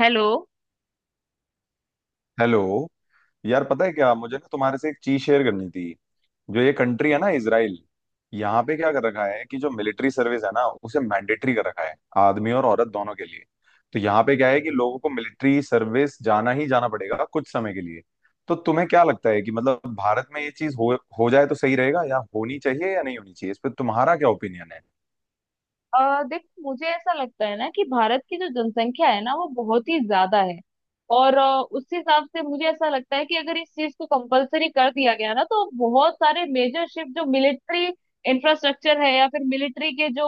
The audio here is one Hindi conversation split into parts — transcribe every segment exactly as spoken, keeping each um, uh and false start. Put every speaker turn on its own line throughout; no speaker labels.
हेलो।
हेलो। यार पता है क्या, मुझे ना तुम्हारे से एक चीज शेयर करनी थी। जो ये कंट्री है ना, इसराइल, यहाँ पे क्या कर रखा है कि जो मिलिट्री सर्विस है ना उसे मैंडेटरी कर रखा है, आदमी और औरत दोनों के लिए। तो यहाँ पे क्या है कि लोगों को मिलिट्री सर्विस जाना ही जाना पड़ेगा कुछ समय के लिए। तो तुम्हें क्या लगता है कि मतलब भारत में ये चीज हो हो जाए तो सही रहेगा, या होनी चाहिए या नहीं होनी चाहिए, इस पर तुम्हारा क्या ओपिनियन है?
अ, देख मुझे ऐसा लगता है ना कि भारत की जो जनसंख्या है ना वो बहुत ही ज्यादा है। और अ, उस हिसाब से मुझे ऐसा लगता है कि अगर इस चीज को कंपलसरी कर दिया गया ना तो बहुत सारे मेजर शिफ्ट जो मिलिट्री इंफ्रास्ट्रक्चर है या फिर मिलिट्री के जो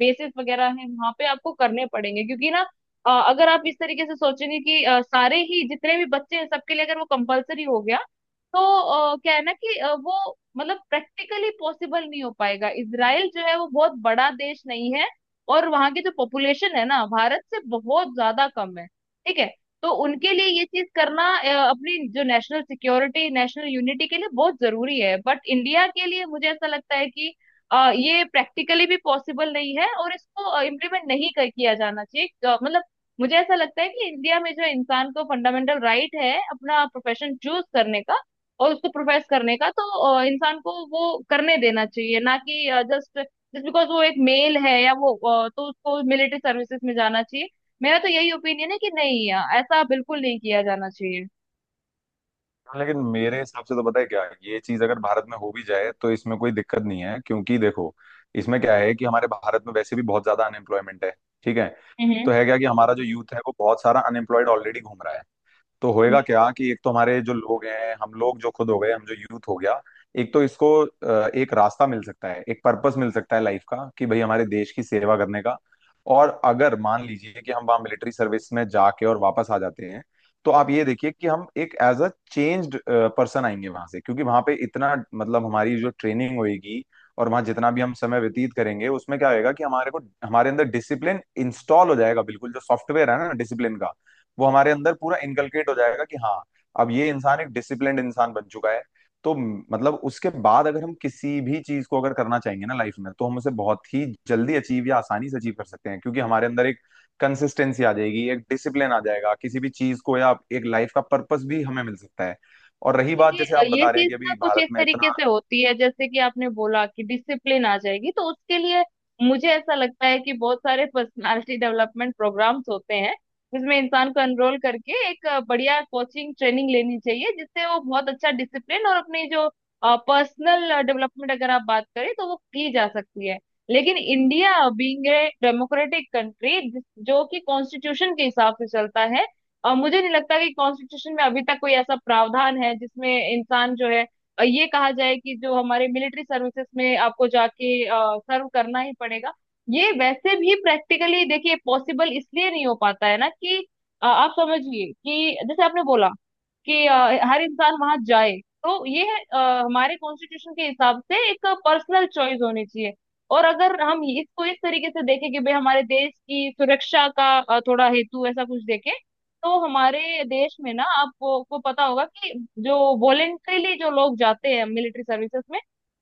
बेसिस वगैरह है वहां पे आपको करने पड़ेंगे, क्योंकि ना अ, अगर आप इस तरीके से सोचेंगे कि अ, सारे ही जितने भी बच्चे हैं सबके लिए अगर वो कंपलसरी हो गया तो अ, क्या है ना कि अ, वो मतलब प्रैक्टिकली पॉसिबल नहीं हो पाएगा। इसराइल जो है वो बहुत बड़ा देश नहीं है, और वहां की जो पॉपुलेशन है ना भारत से बहुत ज्यादा कम है। ठीक है। तो उनके लिए ये चीज करना अ, अपनी जो नेशनल सिक्योरिटी नेशनल यूनिटी के लिए बहुत जरूरी है, बट इंडिया के लिए मुझे ऐसा लगता है कि अ, ये प्रैक्टिकली भी पॉसिबल नहीं है और इसको इम्प्लीमेंट नहीं कर किया जाना चाहिए। अ, मतलब मुझे ऐसा लगता है कि इंडिया में जो इंसान को फंडामेंटल राइट है अपना प्रोफेशन चूज करने का और उसको प्रोफेस करने का, तो अ, इंसान को वो करने देना चाहिए, ना कि जस्ट जस्ट बिकॉज वो एक मेल है या वो अ, तो उसको मिलिट्री सर्विसेज में जाना चाहिए। मेरा तो यही ओपिनियन है कि नहीं, अ, ऐसा बिल्कुल नहीं किया जाना चाहिए।
लेकिन मेरे हिसाब से तो पता है क्या, ये चीज अगर भारत में हो भी जाए तो इसमें कोई दिक्कत नहीं है, क्योंकि देखो, इसमें क्या है कि हमारे भारत में वैसे भी बहुत ज्यादा अनएम्प्लॉयमेंट है। ठीक है। तो है क्या कि हमारा जो यूथ है वो बहुत सारा अनएम्प्लॉयड ऑलरेडी घूम रहा है। तो
हम्म।
होएगा क्या कि एक तो हमारे जो लोग हैं, हम लोग जो खुद हो गए, हम जो यूथ हो गया, एक तो इसको अ, एक रास्ता मिल सकता है, एक पर्पस मिल सकता है लाइफ का, कि भाई हमारे देश की सेवा करने का। और अगर मान लीजिए कि हम वहाँ मिलिट्री सर्विस में जाके और वापस आ जाते हैं, तो आप ये देखिए कि हम एक एज अ चेंज्ड पर्सन आएंगे वहां से, क्योंकि वहां पे इतना मतलब हमारी जो ट्रेनिंग होएगी और वहां जितना भी हम समय व्यतीत करेंगे उसमें क्या होएगा कि हमारे को, हमारे अंदर डिसिप्लिन इंस्टॉल हो जाएगा, बिल्कुल जो सॉफ्टवेयर है ना डिसिप्लिन का, वो हमारे अंदर पूरा इनकलकेट हो जाएगा, कि हाँ अब ये इंसान एक डिसिप्लिन्ड इंसान बन चुका है। तो मतलब उसके बाद अगर हम किसी भी चीज को अगर करना चाहेंगे ना लाइफ में, तो हम उसे बहुत ही जल्दी अचीव या आसानी से अचीव कर सकते हैं, क्योंकि हमारे अंदर एक कंसिस्टेंसी आ जाएगी, एक डिसिप्लिन आ जाएगा किसी भी चीज को, या एक लाइफ का पर्पस भी हमें मिल सकता है। और रही बात
ये
जैसे आप
ये
बता रहे हैं
चीज
कि
ना
अभी
कुछ
भारत
इस
में
तरीके
इतना।
से होती है जैसे कि आपने बोला कि डिसिप्लिन आ जाएगी, तो उसके लिए मुझे ऐसा लगता है कि बहुत सारे पर्सनालिटी डेवलपमेंट प्रोग्राम्स होते हैं जिसमें इंसान को एनरोल करके एक अ, बढ़िया कोचिंग ट्रेनिंग लेनी चाहिए, जिससे वो बहुत अच्छा डिसिप्लिन और अपनी जो पर्सनल डेवलपमेंट अगर आप बात करें तो वो की जा सकती है। लेकिन India being a democratic country, जो कि कॉन्स्टिट्यूशन के हिसाब से चलता है, और मुझे नहीं लगता कि कॉन्स्टिट्यूशन में अभी तक कोई ऐसा प्रावधान है जिसमें इंसान जो है अ, ये कहा जाए कि जो हमारे मिलिट्री सर्विसेज में आपको जाके सर्व करना ही पड़ेगा। ये वैसे भी प्रैक्टिकली देखिए पॉसिबल इसलिए नहीं हो पाता है ना कि अ, आप समझिए कि जैसे आपने बोला कि अ, हर इंसान वहां जाए। तो ये है अ, हमारे कॉन्स्टिट्यूशन के हिसाब से एक पर्सनल चॉइस होनी चाहिए। और अगर हम इसको इस तरीके से देखें कि भाई हमारे देश की सुरक्षा का अ, थोड़ा हेतु ऐसा कुछ देखें, तो हमारे देश में ना आपको को पता होगा कि जो वॉलेंट्रीली जो लोग जाते हैं मिलिट्री सर्विसेज में,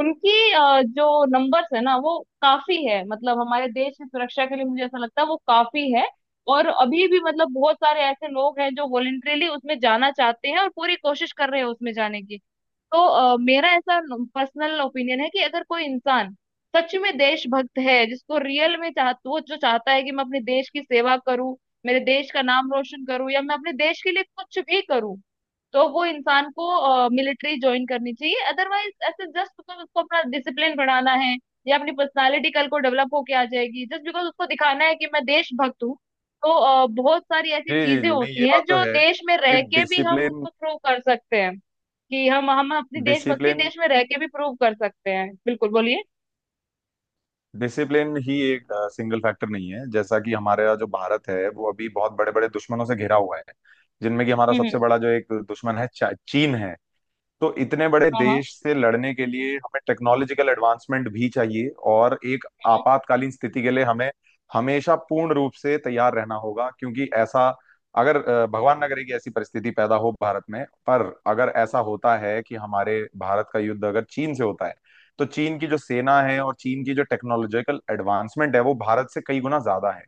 उनकी अ, जो नंबर्स है ना वो काफी है, मतलब हमारे देश की सुरक्षा के लिए मुझे ऐसा लगता है वो काफी है। और अभी भी मतलब बहुत सारे ऐसे लोग हैं जो वॉलेंटरीली उसमें जाना चाहते हैं और पूरी कोशिश कर रहे हैं उसमें जाने की। तो अ, मेरा ऐसा पर्सनल ओपिनियन है कि अगर कोई इंसान सच में देशभक्त है, जिसको रियल में चाह वो जो चाहता है कि मैं अपने देश की सेवा करूं, मेरे देश का नाम रोशन करूं, या मैं अपने देश के लिए कुछ भी करूं, तो वो इंसान को मिलिट्री ज्वाइन करनी चाहिए। अदरवाइज ऐसे जस्ट बिकॉज उसको अपना डिसिप्लिन बढ़ाना है या अपनी पर्सनालिटी कल को डेवलप होके आ जाएगी, जस्ट बिकॉज उसको दिखाना है कि मैं देशभक्त हूँ, तो अ, बहुत सारी
जी
ऐसी
जी
चीजें
जी, नहीं,
होती
ये बात
हैं
तो
जो
है
देश में
कि
रह के भी हम
डिसिप्लिन,
उसको प्रूव कर सकते हैं, कि हम हम अपनी देशभक्ति
डिसिप्लिन
देश में रह के भी प्रूव कर सकते हैं। बिल्कुल बोलिए।
डिसिप्लिन ही एक सिंगल फैक्टर नहीं है। जैसा कि हमारा जो भारत है वो अभी बहुत बड़े बड़े दुश्मनों से घिरा हुआ है, जिनमें कि हमारा
हम्म,
सबसे
हम्म,
बड़ा जो एक दुश्मन है चा- चीन है। तो इतने बड़े
हाँ हाँ।
देश से लड़ने के लिए हमें टेक्नोलॉजिकल एडवांसमेंट भी चाहिए, और एक
हम्म,
आपातकालीन स्थिति के लिए हमें हमेशा पूर्ण रूप से तैयार रहना होगा। क्योंकि ऐसा, अगर अ, भगवान न करे कि ऐसी परिस्थिति पैदा हो भारत में, पर अगर ऐसा होता है कि हमारे भारत का युद्ध अगर चीन से होता है, तो चीन की जो सेना है और चीन की जो टेक्नोलॉजिकल एडवांसमेंट है वो भारत से कई गुना ज्यादा है।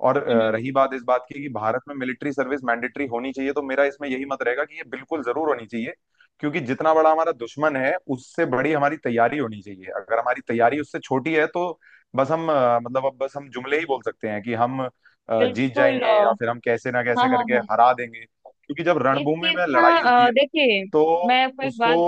और
हम्म,
अ,
हम्म,
रही बात इस बात की कि भारत में मिलिट्री सर्विस मैंडेटरी होनी चाहिए, तो मेरा इसमें यही मत रहेगा कि ये बिल्कुल जरूर होनी चाहिए। क्योंकि जितना बड़ा हमारा दुश्मन है उससे बड़ी हमारी तैयारी होनी चाहिए। अगर हमारी तैयारी उससे छोटी है तो बस हम अ, मतलब अब बस हम जुमले ही बोल सकते हैं कि हम अ, जीत
बिल्कुल। अ,
जाएंगे या फिर हम कैसे ना
हाँ,
कैसे
हाँ,
करके
हाँ।
हरा देंगे। क्योंकि जब
इस
रणभूमि
चीज
में
का
लड़ाई होती
अ,
है
देखिए,
तो
मैं आपको एक
उसको
बात।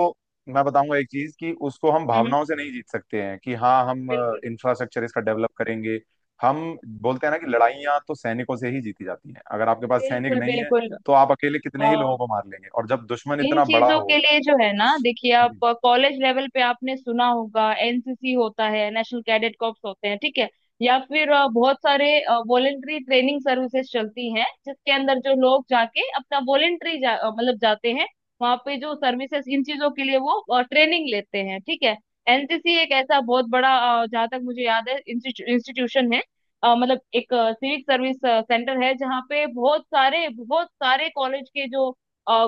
मैं बताऊंगा एक चीज, कि उसको हम
हम्म।
भावनाओं से नहीं जीत सकते हैं कि हाँ हम
बिल्कुल,
इंफ्रास्ट्रक्चर इसका डेवलप करेंगे। हम बोलते हैं ना कि लड़ाइयाँ तो सैनिकों से ही जीती जाती हैं, अगर आपके पास सैनिक
बिल्कुल,
नहीं है
बिल्कुल।
तो आप अकेले
अ,
कितने ही लोगों को मार लेंगे, और जब दुश्मन
इन
इतना बड़ा
चीजों के
हो
लिए जो है
तो।
ना, देखिए आप
जी
कॉलेज लेवल पे आपने सुना होगा एनसीसी होता है, नेशनल कैडेट कॉर्प्स होते हैं। ठीक है। या फिर अ, बहुत सारे वॉलेंट्री ट्रेनिंग सर्विसेज चलती हैं जिसके अंदर जो लोग जाके अपना वॉलेंट्री जा, अ, मतलब जाते हैं, वहाँ पे जो सर्विसेज इन चीजों के लिए वो ट्रेनिंग लेते हैं। ठीक है। एनसीसी एक ऐसा बहुत बड़ा अ, जहाँ तक मुझे याद है इंस्टीट्यूशन है। अ, मतलब एक सिविक सर्विस सेंटर है जहाँ पे बहुत सारे बहुत सारे कॉलेज के जो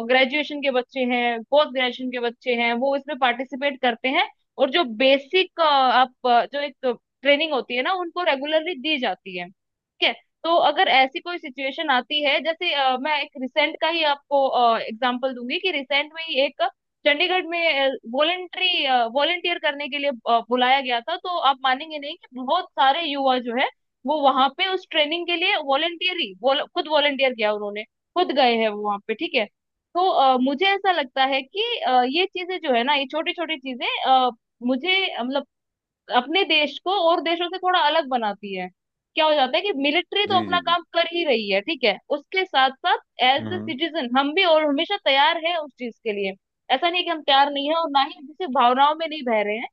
ग्रेजुएशन के बच्चे हैं, पोस्ट ग्रेजुएशन के बच्चे हैं, वो इसमें पार्टिसिपेट करते हैं। और जो बेसिक आप अ, जो एक ट्रेनिंग होती है ना उनको रेगुलरली दी जाती है। ठीक है। तो अगर ऐसी कोई सिचुएशन आती है जैसे अ, मैं एक रिसेंट का ही आपको एग्जांपल दूंगी कि रिसेंट में ही एक चंडीगढ़ में वॉलेंट्री वॉलेंटियर करने के लिए अ, बुलाया गया था, तो आप मानेंगे नहीं कि बहुत सारे युवा जो है वो वहां पे उस ट्रेनिंग के लिए वॉलेंटियर ही वॉल- खुद वॉलेंटियर किया उन्होंने, खुद गए हैं वो वहां पे। ठीक है। तो अ, मुझे ऐसा लगता है कि अ, ये चीजें जो है ना, ये छोटी छोटी चीजें अ, मुझे मतलब अपने देश को और देशों से थोड़ा अलग बनाती है। क्या हो जाता है कि मिलिट्री तो
जी
अपना
जी जी।
काम कर ही रही है, ठीक है, उसके साथ साथ एज द
हम्म।
सिटीजन हम भी और हमेशा तैयार है उस चीज के लिए। ऐसा नहीं है कि हम तैयार नहीं है और ना ही किसी भावनाओं में नहीं बह रहे हैं।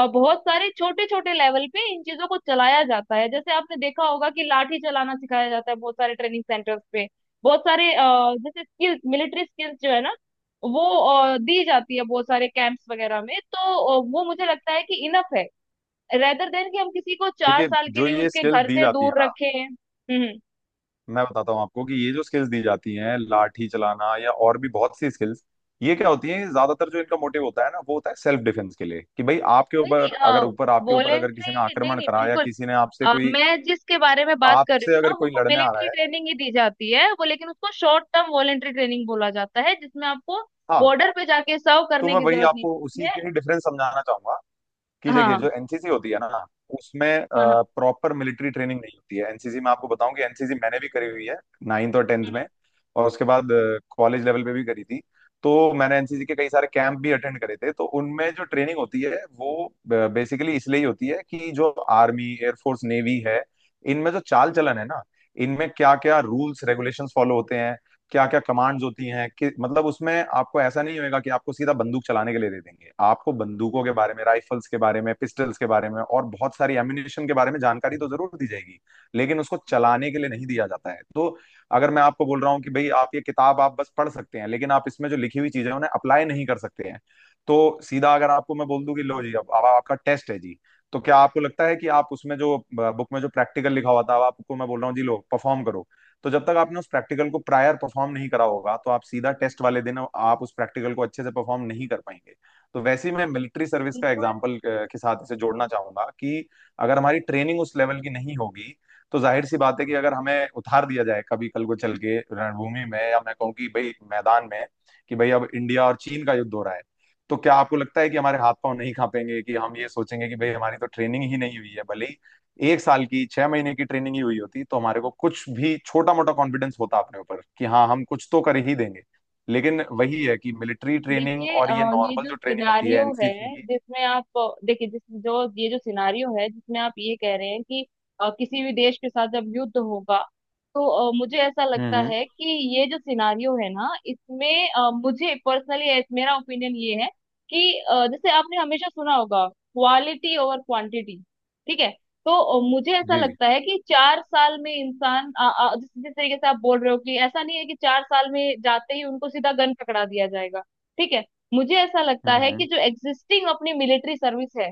और बहुत सारे छोटे छोटे लेवल पे इन चीजों को चलाया जाता है, जैसे आपने देखा होगा कि लाठी चलाना सिखाया जाता है बहुत सारे ट्रेनिंग सेंटर्स पे। बहुत सारे अ, जैसे स्किल्स मिलिट्री स्किल्स जो है ना वो अ, दी जाती है बहुत सारे कैंप्स वगैरह में। तो अ, वो मुझे लगता है कि इनफ है, रेदर देन कि हम किसी को चार
देखिए,
साल के
जो
लिए
ये
उसके
स्किल
घर
दी
से
जाती है
दूर
ना,
रखें। हम्म, हम्म।
मैं बताता हूँ आपको कि ये जो स्किल्स दी जाती हैं, लाठी चलाना या और भी बहुत सी स्किल्स, ये क्या होती है, ज्यादातर जो इनका मोटिव होता है ना वो होता है सेल्फ डिफेंस के लिए, कि भाई आपके
नहीं
ऊपर
नहीं,
अगर ऊपर आपके ऊपर अगर किसी ने
वॉलेंट्री नहीं
आक्रमण
नहीं,
करा या
बिल्कुल।
किसी ने आपसे
अ,
कोई,
मैं जिसके बारे में बात कर रही हूँ
आपसे
ना
अगर कोई
वो
लड़ने आ
मिलिट्री
रहा है।
ट्रेनिंग ही दी जाती है वो, लेकिन उसको शॉर्ट टर्म वॉलेंट्री ट्रेनिंग बोला जाता है, जिसमें आपको
हाँ,
बॉर्डर पे जाके सर्व
तो
करने
मैं
की
वही
जरूरत नहीं
आपको
पड़ती
उसी
है।
के ही डिफरेंस समझाना चाहूंगा, कि देखिए
हाँ,
जो एन सी सी होती है ना उसमें
हाँ, हाँ। हाँ,
प्रॉपर मिलिट्री ट्रेनिंग नहीं होती है। एनसीसी में आपको बताऊं कि एन सी सी मैंने भी करी हुई है, नाइन्थ और टेंथ
हम्म,
में, और उसके बाद कॉलेज लेवल पे भी करी थी। तो मैंने एन सी सी के कई सारे कैंप भी अटेंड करे थे, तो उनमें जो ट्रेनिंग होती है वो बेसिकली इसलिए ही होती है कि जो आर्मी एयरफोर्स नेवी है इनमें जो चाल चलन है ना, इनमें क्या क्या रूल्स रेगुलेशंस फॉलो होते हैं, क्या क्या कमांड्स होती हैं कि, मतलब उसमें आपको ऐसा नहीं होएगा कि आपको सीधा बंदूक चलाने के लिए दे देंगे। आपको बंदूकों के बारे में, राइफल्स के बारे में, पिस्टल्स के बारे में और बहुत सारी एम्युनिशन के बारे में जानकारी तो जरूर दी जाएगी, लेकिन उसको चलाने के लिए नहीं दिया जाता है। तो अगर मैं आपको बोल रहा हूँ कि भाई आप ये किताब आप बस पढ़ सकते हैं, लेकिन आप इसमें जो लिखी हुई चीजें हैं उन्हें अप्लाई नहीं कर सकते हैं, तो सीधा अगर आपको मैं बोल दूं कि लो जी अब अब आपका टेस्ट है जी, तो क्या आपको लगता है कि आप उसमें जो बुक में जो प्रैक्टिकल लिखा हुआ था अब आपको मैं बोल रहा हूँ जी लो परफॉर्म करो, तो जब तक आपने उस प्रैक्टिकल को प्रायर परफॉर्म नहीं करा होगा तो आप सीधा टेस्ट वाले दिन आप उस प्रैक्टिकल को अच्छे से परफॉर्म नहीं कर पाएंगे। तो वैसे ही मैं मिलिट्री सर्विस का
बिल्कुल।
एग्जाम्पल के साथ इसे जोड़ना चाहूंगा, कि अगर हमारी ट्रेनिंग उस लेवल की नहीं होगी तो जाहिर सी बात है कि अगर हमें उतार दिया जाए कभी कल को चल के रणभूमि में, या मैं कहूँ कि भाई मैदान में, कि भाई अब इंडिया और चीन का युद्ध हो रहा है, तो क्या आपको लगता है कि हमारे हाथ पांव नहीं कांपेंगे, कि हम ये सोचेंगे कि भाई हमारी तो ट्रेनिंग ही नहीं हुई है। भले ही एक साल की, छह महीने की ट्रेनिंग ही हुई होती तो हमारे को कुछ भी छोटा मोटा कॉन्फिडेंस होता अपने ऊपर कि हाँ हम कुछ तो कर ही देंगे। लेकिन वही है कि मिलिट्री ट्रेनिंग
देखिए, अ,
और ये
ये
नॉर्मल
जो
जो ट्रेनिंग होती है
सिनारियो
एनसीसी
है
की।
जिसमें आप अ, देखिए जिस जो ये जो सिनारियो है जिसमें आप ये कह रहे हैं कि अ, किसी भी देश के साथ जब युद्ध होगा, तो अ, मुझे ऐसा
हम्म,
लगता
हम्म,
है कि ये जो सिनारियो है ना इसमें अ, मुझे पर्सनली मेरा ओपिनियन ये है कि अ, जैसे आपने हमेशा सुना होगा क्वालिटी ओवर क्वांटिटी। ठीक है। तो अ, मुझे ऐसा
जी।
लगता है कि चार साल में इंसान अ, अ, जिस जिस तरीके से आप बोल रहे हो कि ऐसा नहीं है कि चार साल में जाते ही उनको सीधा गन पकड़ा दिया जाएगा। ठीक है। मुझे ऐसा लगता
हम्म,
है
हम्म,
कि जो एग्जिस्टिंग अपनी मिलिट्री सर्विस है,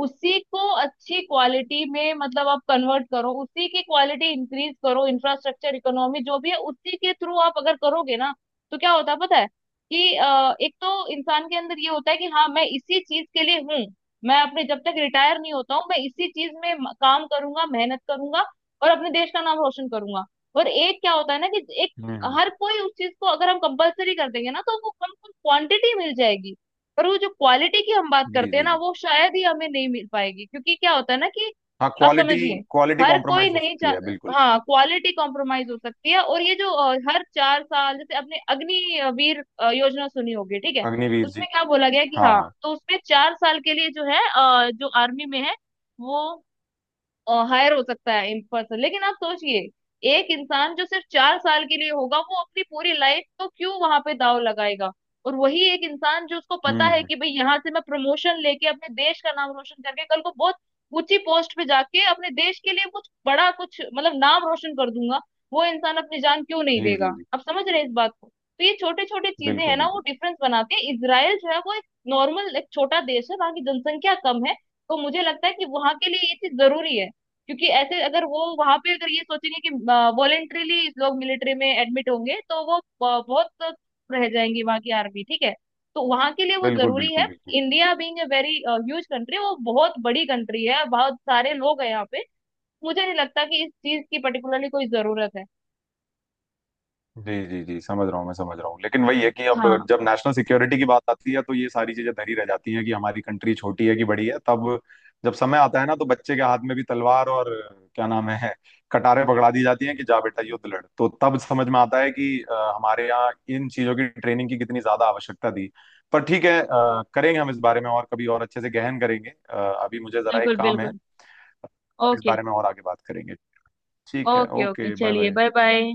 उसी को अच्छी क्वालिटी में मतलब आप कन्वर्ट करो, उसी की क्वालिटी इंक्रीज करो, इंफ्रास्ट्रक्चर इकोनॉमी जो भी है उसी के थ्रू आप अगर करोगे ना, तो क्या होता है पता है, कि अ, एक तो इंसान के अंदर ये होता है कि हाँ मैं इसी चीज के लिए हूँ, मैं अपने जब तक रिटायर नहीं होता हूँ मैं इसी चीज में म- काम करूंगा, मेहनत करूंगा और अपने देश का नाम रोशन करूंगा। और एक क्या होता है ना कि एक
हम्म,
हर कोई उस चीज को अगर हम कंपलसरी कर देंगे ना तो वो हमको क्वांटिटी मिल जाएगी, पर वो जो क्वालिटी की हम बात
जी
करते हैं
जी
ना
जी।
वो शायद ही हमें नहीं मिल पाएगी, क्योंकि क्या होता है ना कि
हाँ,
आप
क्वालिटी,
समझिए
क्वालिटी
हर कोई
कॉम्प्रोमाइज हो
नहीं
सकती
चाह,
है बिल्कुल।
हाँ क्वालिटी कॉम्प्रोमाइज हो सकती है। और ये जो अ, हर चार साल जैसे आपने अग्निवीर अ, योजना सुनी होगी। ठीक है।
अग्निवीर जी।
उसमें क्या बोला गया कि
हाँ
हाँ
हाँ।
तो उसमें चार साल के लिए जो है अ, जो आर्मी में है वो हायर हो सकता है इन पर्सन। लेकिन आप सोचिए, एक इंसान जो सिर्फ चार साल के लिए होगा वो अपनी पूरी लाइफ को क्यों वहां पे दाव लगाएगा, और वही एक इंसान जो उसको पता
हम्म,
है
हम्म,
कि भाई यहाँ से मैं प्रमोशन लेके अपने देश का नाम रोशन करके कल को बहुत ऊंची पोस्ट पे जाके अपने देश के लिए कुछ बड़ा कुछ मतलब नाम रोशन कर दूंगा, वो इंसान अपनी जान क्यों नहीं
जी
देगा?
जी जी।
आप समझ रहे हैं इस बात को, तो ये छोटे छोटे चीजें
बिल्कुल
हैं ना वो
बिल्कुल
डिफरेंस बनाती है। इसराइल जो है वो एक नॉर्मल एक छोटा देश है, वहां की जनसंख्या कम है, तो मुझे लगता है कि वहां के लिए ये चीज जरूरी है। क्योंकि ऐसे अगर वो वहां पे अगर ये सोचेंगे कि वॉलेंट्रीली लोग मिलिट्री में एडमिट होंगे, तो वो ब- बहुत रह जाएंगी वहां की आर्मी। ठीक है। तो वहां के लिए वो
बिल्कुल।
जरूरी
बिल्कुल
है।
बिल्कुल।
India being a very huge country, वो बहुत बड़ी कंट्री है, बहुत सारे लोग हैं यहाँ पे, मुझे नहीं लगता कि इस चीज की पर्टिकुलरली कोई जरूरत है।
जी जी जी, समझ रहा हूँ, मैं समझ रहा हूँ, लेकिन वही है कि अब
हाँ,
जब नेशनल सिक्योरिटी की बात आती है तो ये सारी चीजें धरी रह जाती हैं कि हमारी कंट्री छोटी है कि बड़ी है। तब जब समय आता है ना तो बच्चे के हाथ में भी तलवार और, क्या नाम है, कटारे पकड़ा दी जाती हैं कि जा बेटा युद्ध लड़, तो तब समझ में आता है कि अ, हमारे यहाँ इन चीजों की ट्रेनिंग की कितनी ज्यादा आवश्यकता थी। पर ठीक है, अ, करेंगे हम इस बारे में और कभी और अच्छे से गहन करेंगे। अ, अभी मुझे जरा एक
बिल्कुल,
काम है।
बिल्कुल।
अब इस
ओके,
बारे में और आगे बात करेंगे। ठीक है,
ओके, ओके,
ओके, बाय
चलिए,
बाय।
Bye bye.